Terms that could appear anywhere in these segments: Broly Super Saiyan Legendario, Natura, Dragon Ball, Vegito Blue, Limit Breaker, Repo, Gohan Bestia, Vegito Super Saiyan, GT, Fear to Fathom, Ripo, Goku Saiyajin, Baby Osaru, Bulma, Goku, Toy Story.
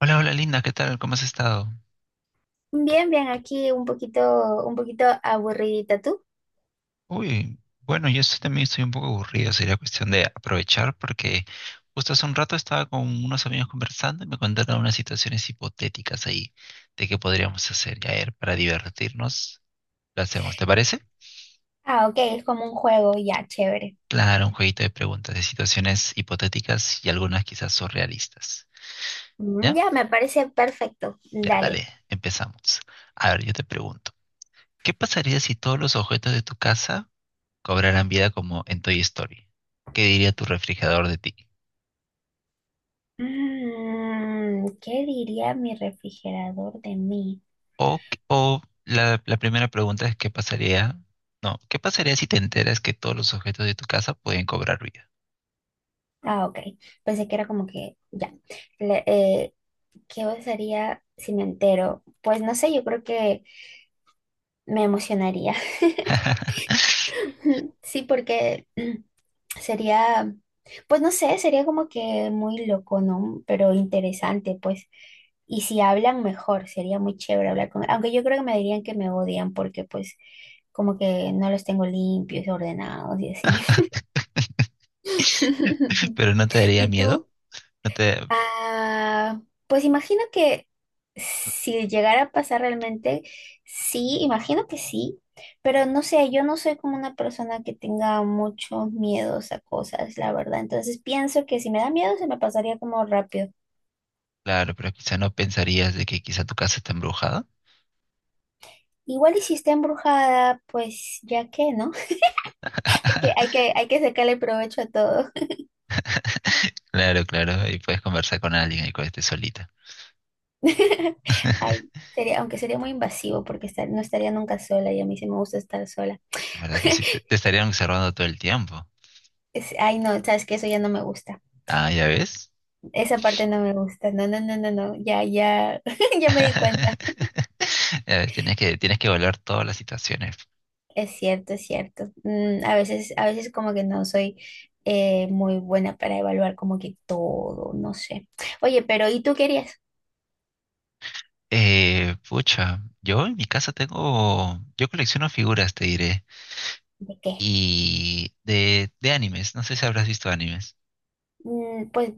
Hola, hola Linda, ¿qué tal? ¿Cómo has estado? Bien, bien, aquí un poquito aburridita tú. Uy, bueno, también estoy un poco aburrido, sería cuestión de aprovechar porque justo hace un rato estaba con unos amigos conversando y me contaron unas situaciones hipotéticas ahí de qué podríamos hacer. Y a ver, para divertirnos, lo hacemos, ¿te parece? Ah, ok, es como un juego, ya, chévere. Claro, un jueguito de preguntas de situaciones hipotéticas y algunas quizás surrealistas. Mm, ¿Ya? ya, me parece perfecto. Ya, Dale. dale, empezamos. A ver, yo te pregunto, ¿qué pasaría si todos los objetos de tu casa cobrarán vida como en Toy Story? ¿Qué diría tu refrigerador de ti? ¿Qué diría mi refrigerador de mí? O la primera pregunta es, ¿qué pasaría? No, ¿qué pasaría si te enteras que todos los objetos de tu casa pueden cobrar vida? Ah, ok. Pensé que era como que, ya. Le- eh, ¿Qué pasaría si me entero? Pues no sé, yo creo que me emocionaría. Sí, porque sería, pues no sé, sería como que muy loco, ¿no? Pero interesante, pues. Y si hablan mejor, sería muy chévere hablar con. Aunque yo creo que me dirían que me odian porque pues como que no los tengo limpios, ordenados y así. Pero no te daría ¿Y miedo, tú? no te, Ah, pues imagino que si llegara a pasar realmente, sí, imagino que sí, pero no sé, yo no soy como una persona que tenga muchos miedos a cosas, la verdad. Entonces pienso que si me da miedo se me pasaría como rápido. claro, pero quizá no pensarías de que quizá tu casa está embrujada. Igual y si está embrujada, pues ya que, ¿no? Hay que, hay que, hay que sacarle provecho a todo. Claro, claro, y puedes conversar con alguien y cuando estés solita. Ay, sería, aunque sería muy invasivo porque no estaría nunca sola y a mí sí me gusta estar sola. La verdad que sí, te, te estarían observando todo el tiempo. Ay, no, sabes que eso ya no me gusta. Ah, ya ves. Esa parte no me gusta. No, no, no, no, no. Ya, ya, ya me di cuenta. A ver, tienes que evaluar todas las situaciones. Es cierto, es cierto. A veces como que no soy muy buena para evaluar como que todo, no sé. Oye, pero ¿y tú querías? Pucha, yo en mi casa tengo, yo colecciono figuras, te diré, ¿De qué? y de animes, no sé si habrás visto animes. Pues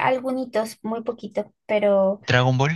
algunitos, muy poquito, pero Dragon Ball.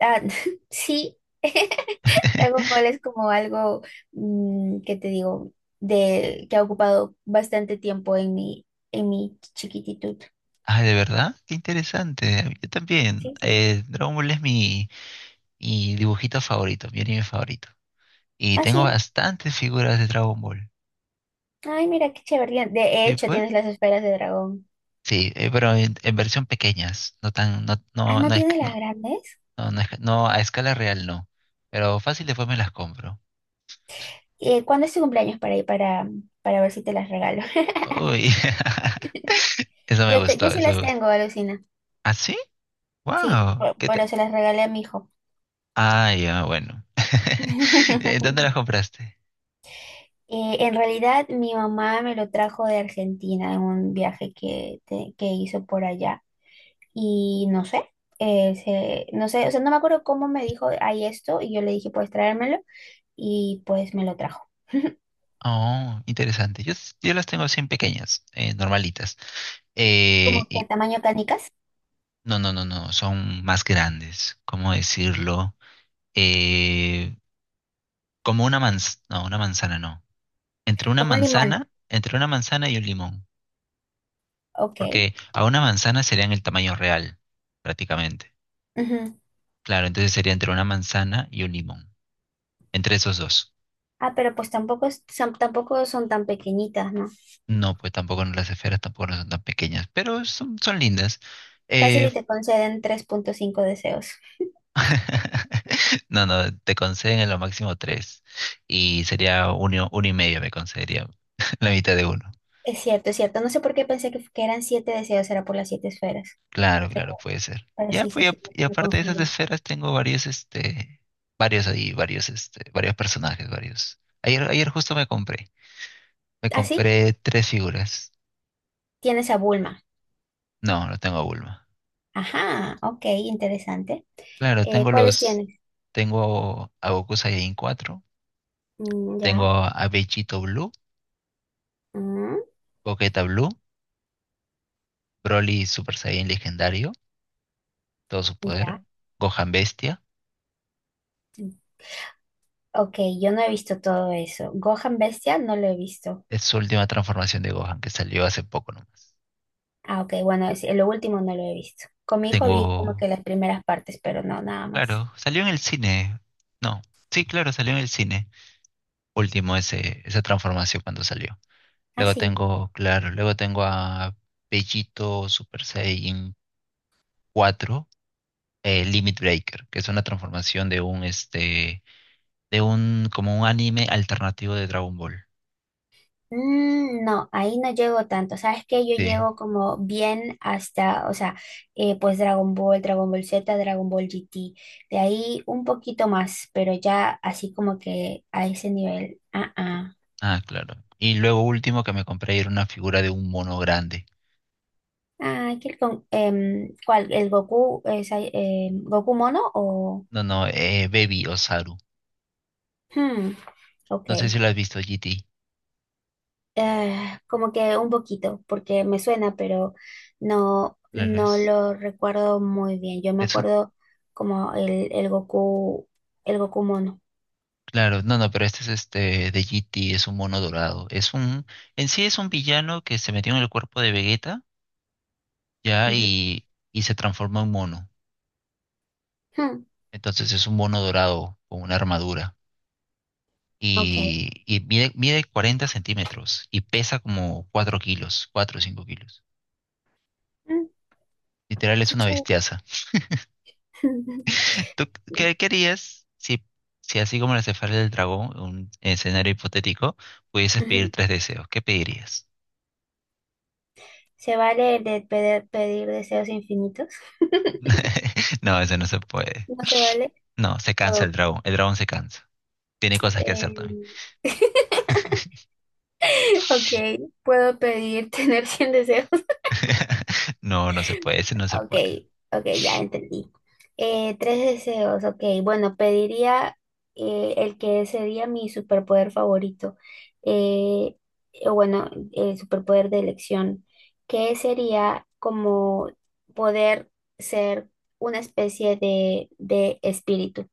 ah, sí. Dragon Ball es como algo que te digo, de que ha ocupado bastante tiempo en mi chiquititud. Ah, ¿de verdad? Qué interesante. Yo también. Sí, sí. Dragon Ball es mi, mi dibujito favorito, mi anime favorito. Y tengo Así. bastantes figuras de Dragon Ball. Ay, mira qué chévere. De ¿Sí hecho, fue? tienes las esferas de dragón. Sí, pero en versión pequeñas, no tan, no, Ah, no, ¿no no es, tienes las no- grandes? No, no, es no, a escala real no. Pero fácil después me las compro. ¿Cuándo es tu cumpleaños para ir para ver si te las regalo? Uy, eso me Yo, te, gustó, yo sí eso las me gustó. tengo, alucina. ¿Ah, sí? Sí, ¡Wow! ¿Qué te- pero se las regalé a mi hijo. Ah, ya, bueno. ¿Dónde las compraste? En realidad, mi mamá me lo trajo de Argentina en un viaje que hizo por allá. Y no sé, no sé, o sea, no me acuerdo cómo me dijo, hay esto, y yo le dije, puedes traérmelo, y pues me lo trajo. Oh, interesante. Yo las tengo así en pequeñas, normalitas. Como Eh, que y, tamaño canicas, no, no, no, no, son más grandes. ¿Cómo decirlo? Eh, como una manzana, no, una manzana no. Como un limón. Entre una manzana y un limón. Ok. Porque a una manzana serían el tamaño real, prácticamente. Ujú. Claro, entonces sería entre una manzana y un limón. Entre esos dos. Ah, pero pues tampoco son tan pequeñitas, ¿no? No, pues tampoco no- las esferas tampoco no son tan pequeñas, pero son, son lindas. Fácil Eh, y te conceden 3.5 deseos. No, no, te conceden en lo máximo tres. Y sería uno, uno y medio me concedería la mitad de uno. Es cierto, es cierto. No sé por qué pensé que eran siete deseos, era por las siete esferas. Claro, Pero, claro, puede ser. pero Ya, sí, sí, pues, sí, y me aparte de esas confundí. esferas tengo varios, este, varios ahí, varios, este, varios personajes, varios. Ayer, ayer justo me compré. Me Ah, sí, compré tres figuras. tienes a Bulma. No, no tengo a Bulma. Ajá, ok, interesante. Claro, tengo ¿Cuáles los. tienes? Tengo a Goku Saiyajin cuatro. Mm, Tengo ya, a Vegito Blue, mm, Boqueta Blue, Broly Super Saiyan Legendario, todo su poder. ya. Gohan Bestia. Ok, yo no he visto todo eso. Gohan Bestia no lo he visto. Es su última transformación de Gohan que salió hace poco nomás. Ah, ok, bueno, lo último no lo he visto. Con mi hijo vi como Tengo. que las primeras partes, pero no, nada más. Claro, salió en el cine. No. Sí, claro, salió en el cine. Último ese, esa transformación cuando salió. Ah, Luego sí. tengo, claro, luego tengo a Vegito Super Saiyan cuatro, Limit Breaker, que es una transformación de un, este, de un, como un anime alternativo de Dragon Ball. Mm, no, ahí no llego tanto. Sabes que yo Sí. llego como bien hasta, o sea, pues Dragon Ball, Dragon Ball Z, Dragon Ball GT. De ahí un poquito más, pero ya así como que a ese nivel. Ah, ah. Ah, claro. Y luego último que me compré era una figura de un mono grande. Ah, ¿Cuál? ¿El Goku, es, ahí, em, Goku mono o? No, no, Baby Osaru. Hmm, No sé si ok. lo has visto, GT. Eh, Como que un poquito, porque me suena, pero no, Claro, no lo recuerdo muy bien. Yo me es un- acuerdo como el Goku mono. claro, no, no, pero este es este de GT. Es un mono dorado. Es un, en sí es un villano que se metió en el cuerpo de Vegeta, ya, Ujú. y se transforma en mono. Hmm, Entonces es un mono dorado con una armadura, Ok. Y mide 40 centímetros y pesa como 4 kilos, 4 o 5 kilos. Mm, Literal es Qué una chévere. bestiaza. ¿Tú qué querías si, si así como la cefalea del dragón, un escenario hipotético, pudieses pedir Ujú. tres deseos? ¿Qué pedirías? ¿Se vale el de pedir deseos infinitos? No, eso no se puede. ¿No se vale? No, se cansa el Puedo, dragón. El dragón se cansa. Tiene cosas que hacer también. eh, ok, puedo pedir tener 100 deseos. No, no se puede, ese no se Ok, puede. ok, ya entendí. Tres deseos, ok. Bueno, pediría el que sería mi superpoder favorito. Eh, o bueno, el superpoder de elección, que sería como poder ser una especie de espíritu.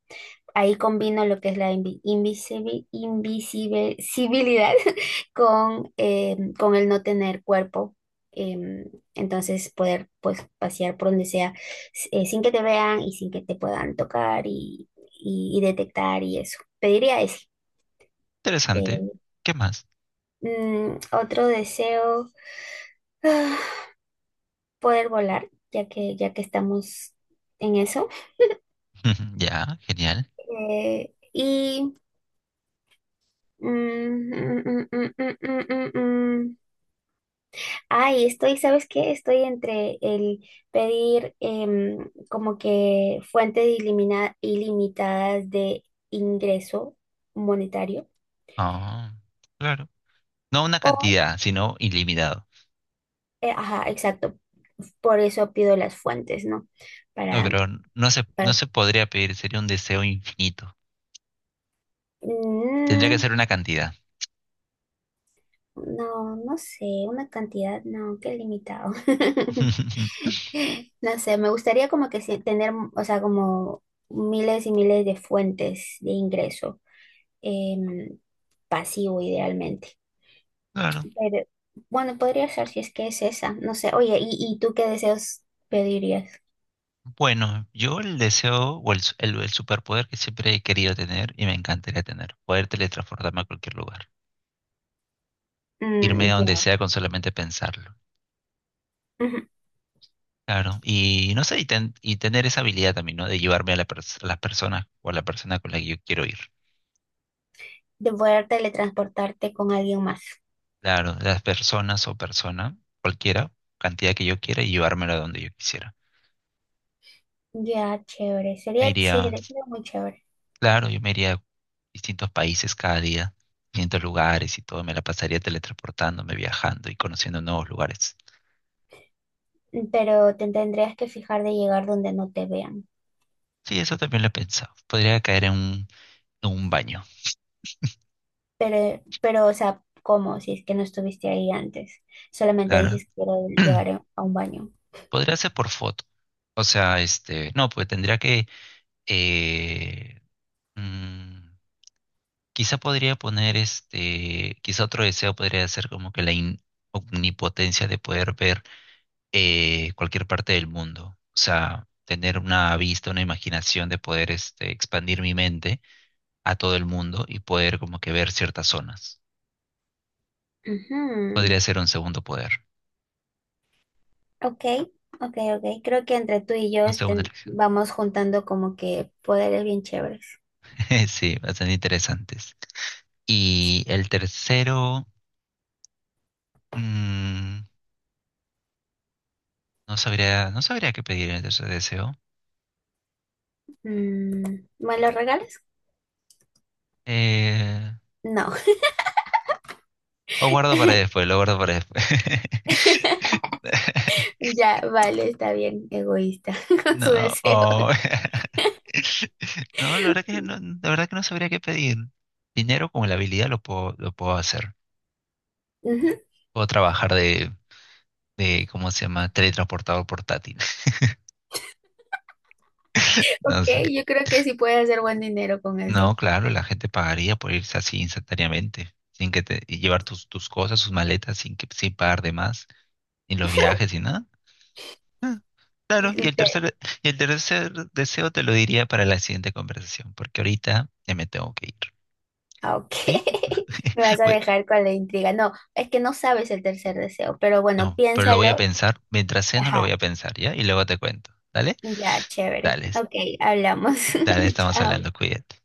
Ahí combino lo que es la invisibilidad con el no tener cuerpo. em, entonces poder pues pasear por donde sea sin que te vean y sin que te puedan tocar y detectar y eso. Pediría ese. Interesante. Eh, ¿Qué más? Otro deseo, poder volar, ya que estamos en eso. Ya, genial. Eh, y... mm, mm, mm, mm, mm, mm, mm, mm. Ay, estoy, ¿sabes qué? Estoy entre el pedir como que fuentes ilimitadas de ingreso monetario Ah, claro. No una o, cantidad, sino ilimitado. Ajá, exacto, por eso pido las fuentes, ¿no? No, Para, pero no para, se podría pedir, sería un deseo infinito. Tendría que mm, ser una cantidad. no, no sé, una cantidad, no, qué limitado. No sé, me gustaría como que tener, o sea, como miles y miles de fuentes de ingreso. em, Pasivo idealmente. Claro. Pero bueno, podría ser si es que es esa, no sé. Oye, ¿Y tú qué deseos pedirías? Bueno, yo el deseo o el, su- el superpoder que siempre he querido tener y me encantaría tener, poder teletransportarme a cualquier lugar, irme Mm, a donde ya. sea con solamente pensarlo. Ujú. Claro, y no sé, y, ten- y tener esa habilidad también, ¿no? De llevarme a la pers- a las personas o a la persona con la que yo quiero ir. De poder teletransportarte con alguien más. Claro, las personas o persona, cualquiera, cantidad que yo quiera y llevármelo a donde yo quisiera. Ya, chévere. Me Sería, sí, iría, sería muy chévere. claro, yo me iría a distintos países cada día, distintos lugares y todo, me la pasaría teletransportándome, viajando y conociendo nuevos lugares. Pero te tendrías que fijar de llegar donde no te vean. Sí, eso también lo he pensado. Podría caer en un baño, Pero, o sea, ¿cómo? Si es que no estuviste ahí antes. Solamente claro. dices que quiero llegar a un baño. Podría ser por foto. O sea, este, no, pues tendría que, eh, mm, quizá podría poner, este, quizá otro deseo podría ser como que la in- omnipotencia de poder ver cualquier parte del mundo. O sea, tener una vista, una imaginación de poder este, expandir mi mente a todo el mundo y poder como que ver ciertas zonas. Podría Ujú. ser un segundo poder, Ok, ok, ok. Creo que entre tú y yo una segunda estén, elección. vamos juntando como que poderes bien chéveres. Sí, bastante interesantes. Y el tercero, mm, no sabría, no sabría qué pedir en el tercer deseo. Mm, ¿Me los regales? Eh, No. lo guardo para después, lo guardo para después. Ya, vale, está bien, egoísta con su No, deseo. oh. No, la verdad que no, la verdad que no sabría qué pedir. Dinero con la habilidad lo puedo hacer. Ujú, Puedo trabajar ¿cómo se llama? Teletransportador portátil. Ok, No sé. yo creo que sí puedes hacer buen dinero con eso. No, claro, la gente pagaría por irse así instantáneamente, sin que te, y llevar tus cosas, sus maletas, sin pagar de más, ni los viajes, ni nada. Ah, Y claro, te... y el tercer deseo te lo diría para la siguiente conversación, porque ahorita ya me tengo que ir. Ok, ¿Sí? me vas a Voy dejar con la intriga. No, es que no sabes el tercer deseo, pero bueno, No, pero lo voy a piénsalo. pensar. Mientras no lo voy Ajá, a pensar, ¿ya? Y luego te cuento. ¿Dale? ya, chévere. Dale, Ok, hablamos. dale, estamos Chao. hablando, cuídate.